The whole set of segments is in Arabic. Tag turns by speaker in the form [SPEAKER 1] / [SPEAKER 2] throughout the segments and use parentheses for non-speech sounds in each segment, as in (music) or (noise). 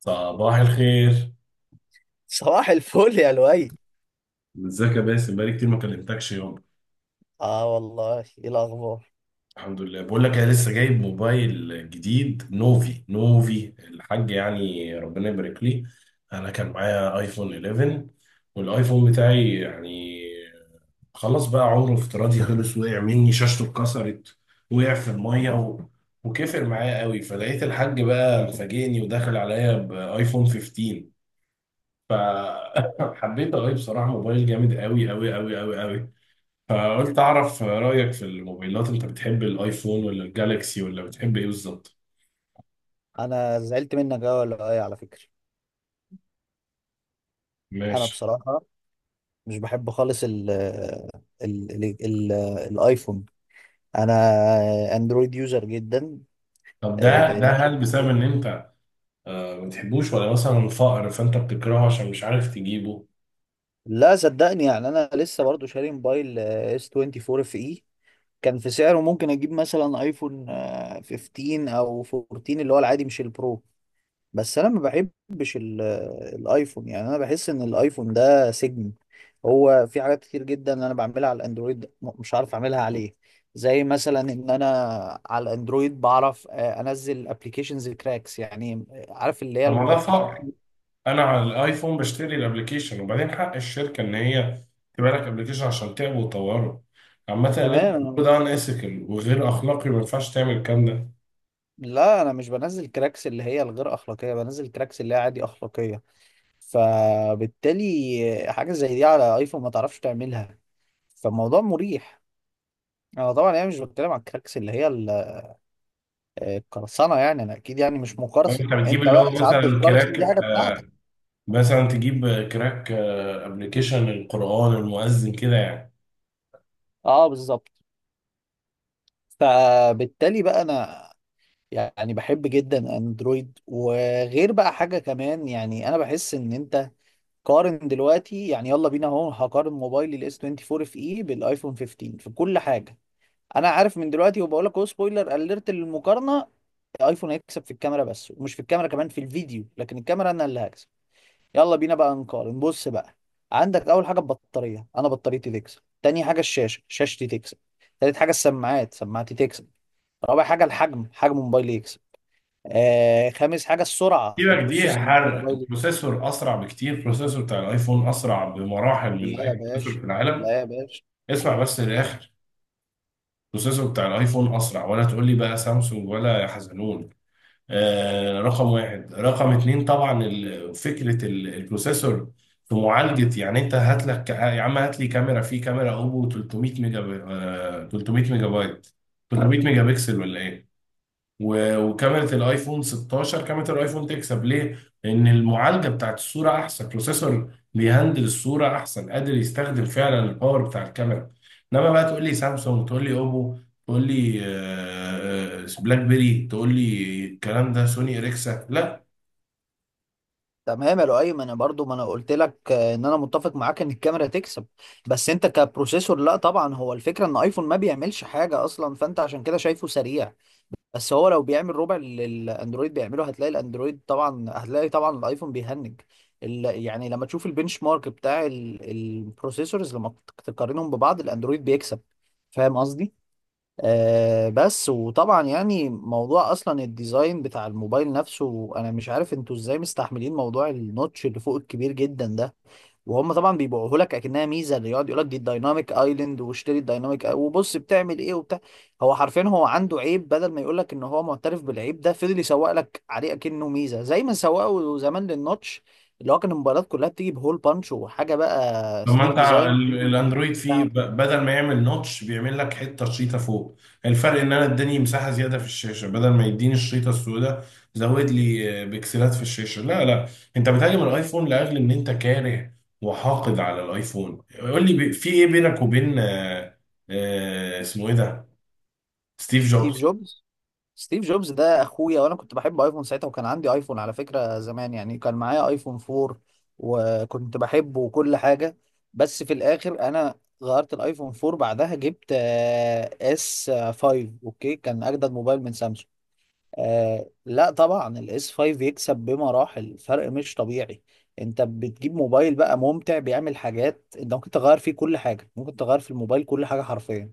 [SPEAKER 1] صباح الخير.
[SPEAKER 2] صباح الفل يا لؤي.
[SPEAKER 1] ازيك يا باسم؟ بقالي كتير ما كلمتكش يوم.
[SPEAKER 2] اه والله، ايه الاخبار؟
[SPEAKER 1] الحمد لله. بقول لك انا لسه جايب موبايل جديد نوفي نوفي الحاج، يعني ربنا يبارك لي. انا كان معايا ايفون 11، والايفون بتاعي يعني خلاص بقى عمره افتراضي خلص، وقع مني شاشته اتكسرت، وقع في الميه و... وكفر معايا قوي، فلقيت الحاج بقى مفاجئني وداخل عليا بايفون 15. فحبيت (laughs) اغير، بصراحه موبايل جامد قوي قوي قوي قوي قوي. فقلت اعرف رايك في الموبايلات، انت بتحب الايفون ولا الجالكسي ولا بتحب ايه بالظبط؟
[SPEAKER 2] انا زعلت منك قوي يا لؤي على فكره. انا
[SPEAKER 1] ماشي.
[SPEAKER 2] بصراحه مش بحب خالص ال الايفون انا اندرويد يوزر جدا.
[SPEAKER 1] طب ده ده
[SPEAKER 2] يعني.
[SPEAKER 1] هل بسبب ان انت ما بتحبوش، ولا مثلا فقر فانت بتكرهه عشان مش عارف تجيبه؟
[SPEAKER 2] لا صدقني، يعني انا لسه برضو شاري موبايل اس 24 اف اي. كان في سعره ممكن اجيب مثلا ايفون 15 او 14 اللي هو العادي مش البرو. بس انا ما بحبش الايفون. يعني انا بحس ان الايفون ده سجن. هو في حاجات كتير جدا انا بعملها على الاندرويد مش عارف اعملها عليه. زي مثلا ان انا على الاندرويد بعرف انزل ابلكيشنز كراكس، يعني عارف اللي هي
[SPEAKER 1] طب ما ده
[SPEAKER 2] الابلكيشن.
[SPEAKER 1] فقر. انا على الايفون بشتري الابليكيشن، وبعدين حق الشركه ان هي تبقى لك ابليكيشن عشان تعبه وتطوره. عامة اللي انت
[SPEAKER 2] تمام.
[SPEAKER 1] بتقوله ده ان وغير اخلاقي، ما ينفعش تعمل الكلام ده.
[SPEAKER 2] لا انا مش بنزل كراكس اللي هي الغير اخلاقيه، بنزل كراكس اللي هي عادي اخلاقيه. فبالتالي حاجه زي دي على ايفون ما تعرفش تعملها، فالموضوع مريح. انا طبعا يعني مش بتكلم على الكراكس اللي هي ال قرصنه، يعني انا اكيد يعني مش مقرصن.
[SPEAKER 1] فانت بتجيب
[SPEAKER 2] انت
[SPEAKER 1] اللي هو
[SPEAKER 2] بقى ساعات
[SPEAKER 1] مثلا
[SPEAKER 2] بتقرصن، دي
[SPEAKER 1] كراك،
[SPEAKER 2] حاجه بتاعتك.
[SPEAKER 1] مثلا تجيب كراك ابلكيشن القرآن المؤذن كده يعني.
[SPEAKER 2] اه بالظبط. فبالتالي بقى انا يعني بحب جدا اندرويد. وغير بقى حاجه كمان، يعني انا بحس ان انت. قارن دلوقتي، يعني يلا بينا اهو هقارن موبايلي الاس 24 اف اي بالايفون 15 في كل حاجه. انا عارف من دلوقتي وبقول لك اهو، سبويلر اليرت للمقارنه، الايفون هيكسب في الكاميرا بس. ومش في الكاميرا كمان، في الفيديو، لكن الكاميرا انا اللي هكسب. يلا بينا بقى نقارن. بص بقى، عندك اول حاجه البطاريه، انا بطاريتي تكسب. تاني حاجه الشاشه، شاشتي تكسب. تالت حاجه السماعات، سماعتي تكسب. رابع حاجه الحجم، حجم موبايلي يكسب. آه، خامس حاجه السرعه،
[SPEAKER 1] سيبك دي
[SPEAKER 2] البروسيسور بتاع
[SPEAKER 1] حرق،
[SPEAKER 2] موبايلي.
[SPEAKER 1] البروسيسور اسرع بكتير، البروسيسور بتاع الايفون اسرع بمراحل من
[SPEAKER 2] لا
[SPEAKER 1] اي
[SPEAKER 2] يا
[SPEAKER 1] بروسيسور
[SPEAKER 2] باشا،
[SPEAKER 1] في العالم.
[SPEAKER 2] لا يا باشا.
[SPEAKER 1] اسمع بس للاخر، البروسيسور بتاع الايفون اسرع، ولا تقول لي بقى سامسونج ولا يا حزنون. آه، رقم واحد، رقم اتنين طبعا فكرة البروسيسور في معالجة، يعني انت هات لك يا عم، هات لي كاميرا، في كاميرا اوبو 300 ميجا بي... آه 300 ميجا بايت، 300 ميجا بكسل ولا ايه؟ وكاميرا الايفون 16، كاميرا الايفون تكسب ليه؟ لان المعالجه بتاعت الصوره احسن، بروسيسور بيهندل الصوره احسن، قادر يستخدم فعلا الباور بتاع الكاميرا. انما بقى تقول لي سامسونج، تقول لي اوبو، تقول لي بلاك بيري، تقول لي الكلام ده سوني اريكسا، لا.
[SPEAKER 2] تمام يا لؤي، انا برضو ما انا قلت لك ان انا متفق معاك ان الكاميرا تكسب. بس انت كبروسيسور لا. طبعا هو الفكره ان ايفون ما بيعملش حاجه اصلا، فانت عشان كده شايفه سريع. بس هو لو بيعمل ربع اللي الاندرويد بيعمله هتلاقي الاندرويد، طبعا هتلاقي طبعا الايفون بيهنج. يعني لما تشوف البنش مارك بتاع البروسيسورز، لما تقارنهم ببعض الاندرويد بيكسب. فاهم قصدي؟ آه. بس، وطبعا يعني موضوع اصلا الديزاين بتاع الموبايل نفسه، انا مش عارف انتوا ازاي مستحملين موضوع النوتش اللي فوق الكبير جدا ده. وهم طبعا بيبيعوه لك اكنها ميزه، اللي يقعد يقول لك دي الدايناميك ايلاند، واشتري الدايناميك وبص بتعمل ايه وبتاع. هو حرفيا هو عنده عيب، بدل ما يقول لك ان هو معترف بالعيب ده، فضل يسوق لك عليه اكنه ميزه، زي ما سوقوا زمان للنوتش اللي هو كان الموبايلات كلها بتيجي بهول بانش، وحاجه بقى
[SPEAKER 1] طب ما
[SPEAKER 2] سليك
[SPEAKER 1] انت
[SPEAKER 2] ديزاين
[SPEAKER 1] الاندرويد فيه،
[SPEAKER 2] بتاع
[SPEAKER 1] بدل ما يعمل نوتش بيعمل لك حته شريطه فوق. الفرق ان انا اداني مساحه زياده في الشاشه، بدل ما يديني الشريطه السوداء زود لي بكسلات في الشاشه. لا لا، انت بتهاجم الايفون لاجل ان انت كاره وحاقد على الايفون. قول لي في ايه بينك وبين اسمه ايه ده، ستيف
[SPEAKER 2] ستيف
[SPEAKER 1] جوبز؟
[SPEAKER 2] جوبز. ستيف جوبز ده اخويا، وانا كنت بحب ايفون ساعتها، وكان عندي ايفون على فكرة زمان، يعني كان معايا ايفون 4 وكنت بحبه وكل حاجة. بس في الاخر انا غيرت الايفون 4، بعدها جبت اس 5. اوكي، كان اجدد موبايل من سامسونج. آه لا، طبعا الاس 5 يكسب بمراحل، فرق مش طبيعي. انت بتجيب موبايل بقى ممتع، بيعمل حاجات، انت ممكن تغير فيه كل حاجة، ممكن تغير في الموبايل كل حاجة حرفيا.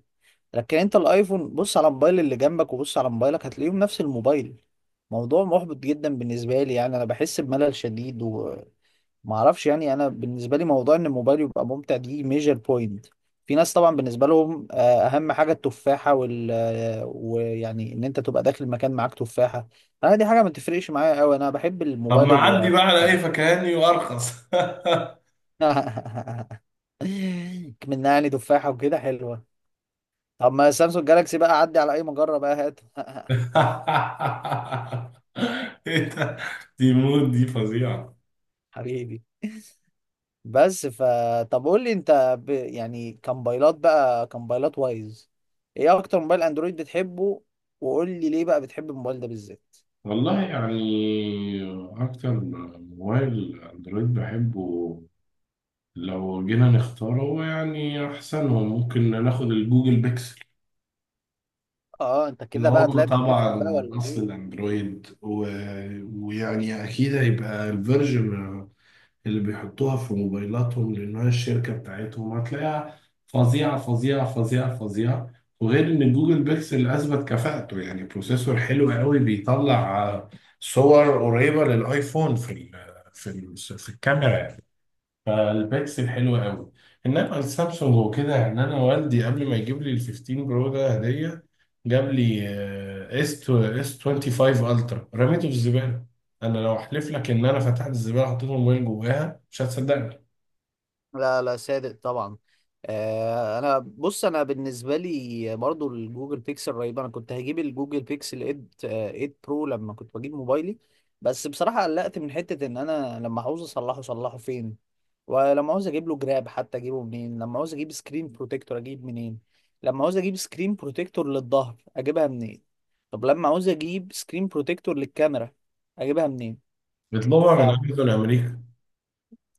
[SPEAKER 2] لكن انت الايفون بص على الموبايل اللي جنبك وبص على موبايلك، هتلاقيهم نفس الموبايل. موضوع محبط جدا بالنسبة لي، يعني انا بحس بملل شديد. ما اعرفش، يعني انا بالنسبه لي موضوع ان الموبايل يبقى ممتع دي ميجر بوينت. في ناس طبعا بالنسبه لهم اهم حاجه التفاحه، وال آه، ويعني ان انت تبقى داخل المكان معاك تفاحه. انا دي حاجه ما تفرقش معايا قوي، انا بحب
[SPEAKER 1] طب
[SPEAKER 2] الموبايل
[SPEAKER 1] ما
[SPEAKER 2] اللي
[SPEAKER 1] عدي بقى
[SPEAKER 2] يريحني.
[SPEAKER 1] على اي فكهاني وارخص.
[SPEAKER 2] (laughs) منعني تفاحه وكده حلوه. طب ما سامسونج جالاكسي بقى عدي على اي مجره بقى هات.
[SPEAKER 1] (laughs) ايه ده؟ دي مود دي فظيعه.
[SPEAKER 2] (laughs) حبيبي. بس فطب قول لي انت يعني كموبايلات بقى، كموبايلات وايز، ايه اكتر موبايل اندرويد بتحبه؟ وقول لي ليه بقى بتحب الموبايل ده بالذات؟
[SPEAKER 1] والله يعني أكتر موبايل أندرويد بحبه، لو جينا نختاره هو يعني أحسنهم، ممكن ناخد الجوجل بيكسل.
[SPEAKER 2] اه، انت
[SPEAKER 1] اللي
[SPEAKER 2] كده بقى
[SPEAKER 1] هو
[SPEAKER 2] طلعت بتفهم بقى
[SPEAKER 1] طبعا
[SPEAKER 2] ولا
[SPEAKER 1] أصل
[SPEAKER 2] ايه؟
[SPEAKER 1] الأندرويد و... ويعني أكيد هيبقى الفيرجن اللي بيحطوها في موبايلاتهم لأنها الشركة بتاعتهم، هتلاقيها فظيعة فظيعة فظيعة فظيعة. وغير إن جوجل بيكسل أثبت كفاءته، يعني بروسيسور حلو قوي، بيطلع صور قريبة للآيفون في ال في ال في الكاميرا. فالبيكسل حلو قوي. انما السامسونج وكده، يعني انا والدي قبل ما يجيب لي ال 15 برو ده هديه، جاب لي اس 25 الترا، رميته في الزباله. انا لو احلف لك ان انا فتحت الزباله حطيت الموبايل جواها مش هتصدقني.
[SPEAKER 2] لا لا، صادق طبعا. آه، انا بص انا بالنسبه لي برضو الجوجل بيكسل رهيب. انا كنت هجيب الجوجل بيكسل 8، 8 برو لما كنت بجيب موبايلي. بس بصراحه قلقت من حته ان انا لما عاوز اصلحه اصلحه فين؟ ولما عاوز اجيب له جراب حتى اجيبه منين؟ لما عاوز اجيب سكرين بروتكتور اجيب منين؟ لما عاوز اجيب سكرين بروتكتور للظهر اجيبها منين؟ طب لما عاوز اجيب سكرين بروتكتور للكاميرا اجيبها منين؟
[SPEAKER 1] بيطلبها
[SPEAKER 2] ف
[SPEAKER 1] من امازون امريكا.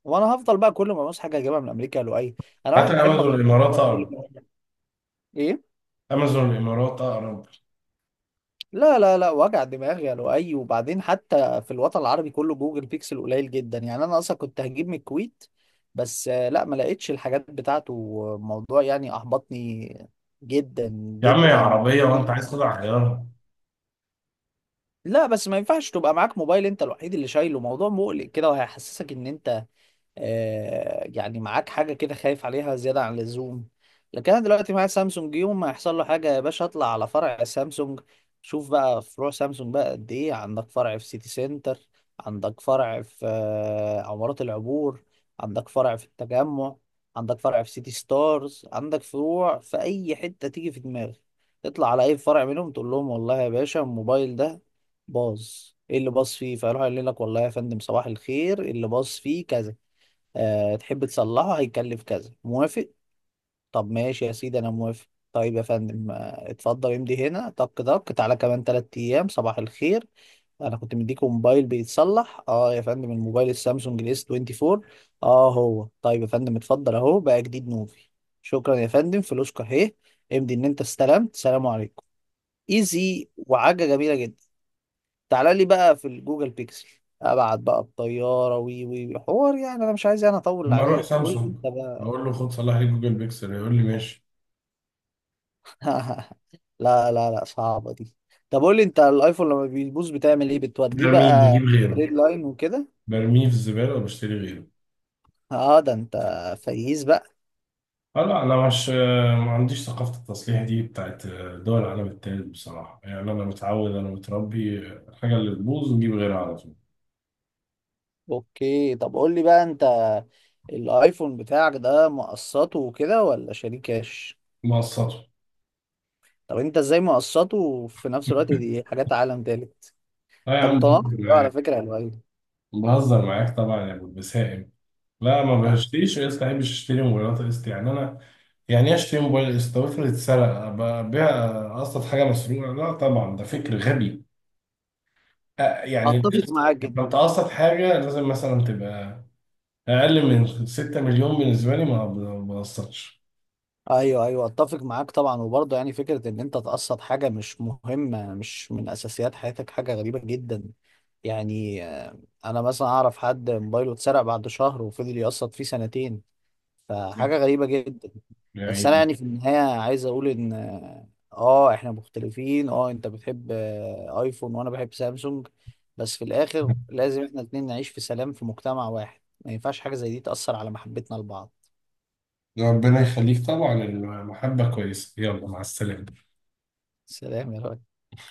[SPEAKER 2] وانا هفضل بقى كل ما ابص حاجه اجيبها من امريكا يا لؤي. انا
[SPEAKER 1] حتى
[SPEAKER 2] واحد بحب
[SPEAKER 1] امازون
[SPEAKER 2] اغير.
[SPEAKER 1] الامارات
[SPEAKER 2] كل
[SPEAKER 1] اقرب.
[SPEAKER 2] ما ايه؟
[SPEAKER 1] امازون الامارات اقرب.
[SPEAKER 2] لا لا لا، وجع دماغ يا لؤي. وبعدين حتى في الوطن العربي كله جوجل بيكسل قليل جدا، يعني انا اصلا كنت هجيب من الكويت بس لا، ما لقيتش الحاجات بتاعته. موضوع يعني احبطني جدا
[SPEAKER 1] يا عم يا
[SPEAKER 2] جدا
[SPEAKER 1] عربيه
[SPEAKER 2] جدا.
[SPEAKER 1] وانت عايز تطلع غيارها.
[SPEAKER 2] لا بس ما ينفعش تبقى معاك موبايل انت الوحيد اللي شايله، موضوع مقلق كده، وهيحسسك ان انت يعني معاك حاجة كده، خايف عليها زيادة عن اللزوم. لكن أنا دلوقتي معايا سامسونج، يوم ما يحصل له حاجة يا باشا أطلع على فرع سامسونج. شوف بقى فروع سامسونج بقى قد إيه، عندك فرع في سيتي سنتر، عندك فرع في عمارات العبور، عندك فرع في التجمع، عندك فرع في سيتي ستارز، عندك فروع في أي حتة تيجي في دماغك. تطلع على أي فرع منهم تقول لهم والله يا باشا الموبايل ده باظ. ايه اللي باظ فيه؟ فيروح يقول لك والله يا فندم صباح الخير، اللي باظ فيه كذا. أه تحب تصلحه؟ هيكلف كذا. موافق؟ طب ماشي يا سيدي انا موافق. طيب يا فندم اتفضل امضي هنا، طك طك، تعالى كمان تلات ايام. صباح الخير، انا كنت مديك موبايل بيتصلح. اه يا فندم الموبايل السامسونج الاس 24. اه هو. طيب يا فندم اتفضل، اهو بقى جديد نوفي. شكرا يا فندم، فلوسك اهي، امضي ان انت استلمت. سلام عليكم. ايزي، وحاجه جميله جدا. تعالى لي بقى في الجوجل بيكسل، ابعت بقى الطياره، وي وي وي. حوار. يعني انا مش عايز انا اطول
[SPEAKER 1] اما اروح
[SPEAKER 2] عليك، قول لي
[SPEAKER 1] سامسونج
[SPEAKER 2] انت.
[SPEAKER 1] اقول له خد صلح لي جوجل بيكسل، يقول لي ماشي.
[SPEAKER 2] (laughs) لا لا لا، صعبة دي. طب قول لي، انت الايفون لما بيبوظ بتعمل ايه؟ بتوديه
[SPEAKER 1] برميه
[SPEAKER 2] بقى
[SPEAKER 1] بجيب غيره،
[SPEAKER 2] ريد لاين وكده؟
[SPEAKER 1] برميه في الزباله وبشتري غيره.
[SPEAKER 2] اه ده انت فييز بقى.
[SPEAKER 1] اه لا، انا مش ما عنديش ثقافه التصليح دي بتاعت دول العالم التالت بصراحه، يعني انا متعود، انا متربي الحاجه اللي تبوظ نجيب غيرها على طول.
[SPEAKER 2] اوكي، طب قول لي بقى انت الايفون بتاعك ده مقسطه وكده ولا شاريه كاش؟
[SPEAKER 1] مقسطه.
[SPEAKER 2] طب انت ازاي مقسطه وفي نفس الوقت دي
[SPEAKER 1] (laughs)
[SPEAKER 2] حاجات عالم تالت؟
[SPEAKER 1] لا يا
[SPEAKER 2] انت
[SPEAKER 1] عم
[SPEAKER 2] متناقض
[SPEAKER 1] بهزر
[SPEAKER 2] بقى على
[SPEAKER 1] معاك،
[SPEAKER 2] فكرة يا لؤي.
[SPEAKER 1] بهزر معاك طبعا يا ابو البسائم. لا ما
[SPEAKER 2] ده.
[SPEAKER 1] بشتريش قسط، ما بحبش اشتري موبايلات قسط، يعني انا يعني ايه اشتري موبايل قسط؟ افرض اتسرق، أبقى ابيع قسط حاجه مسروقه؟ لا طبعا ده فكر غبي. يعني
[SPEAKER 2] اتفق
[SPEAKER 1] القسط
[SPEAKER 2] معاك.
[SPEAKER 1] لو تقسط حاجه لازم مثلا تبقى اقل من 6 مليون بالنسبه لي، ما بقصرش
[SPEAKER 2] ايوه ايوه، اتفق معاك طبعا. وبرضه يعني فكره ان انت تقسط حاجه مش مهمه مش من اساسيات حياتك، حاجه غريبه جدا. يعني انا مثلا اعرف حد موبايله اتسرق بعد شهر وفضل يقسط فيه سنتين، فحاجه غريبه جدا. بس انا
[SPEAKER 1] يعني.
[SPEAKER 2] يعني في النهايه عايز اقول ان اه، احنا مختلفين، اه انت بتحب ايفون وانا بحب سامسونج، بس في الاخر لازم احنا الاتنين نعيش في سلام في مجتمع واحد، ما ينفعش حاجه زي دي تاثر على محبتنا لبعض.
[SPEAKER 1] ربنا يخليك طبعا، المحبه كويسه، يلا مع السلامه.
[SPEAKER 2] سلام يا راجل.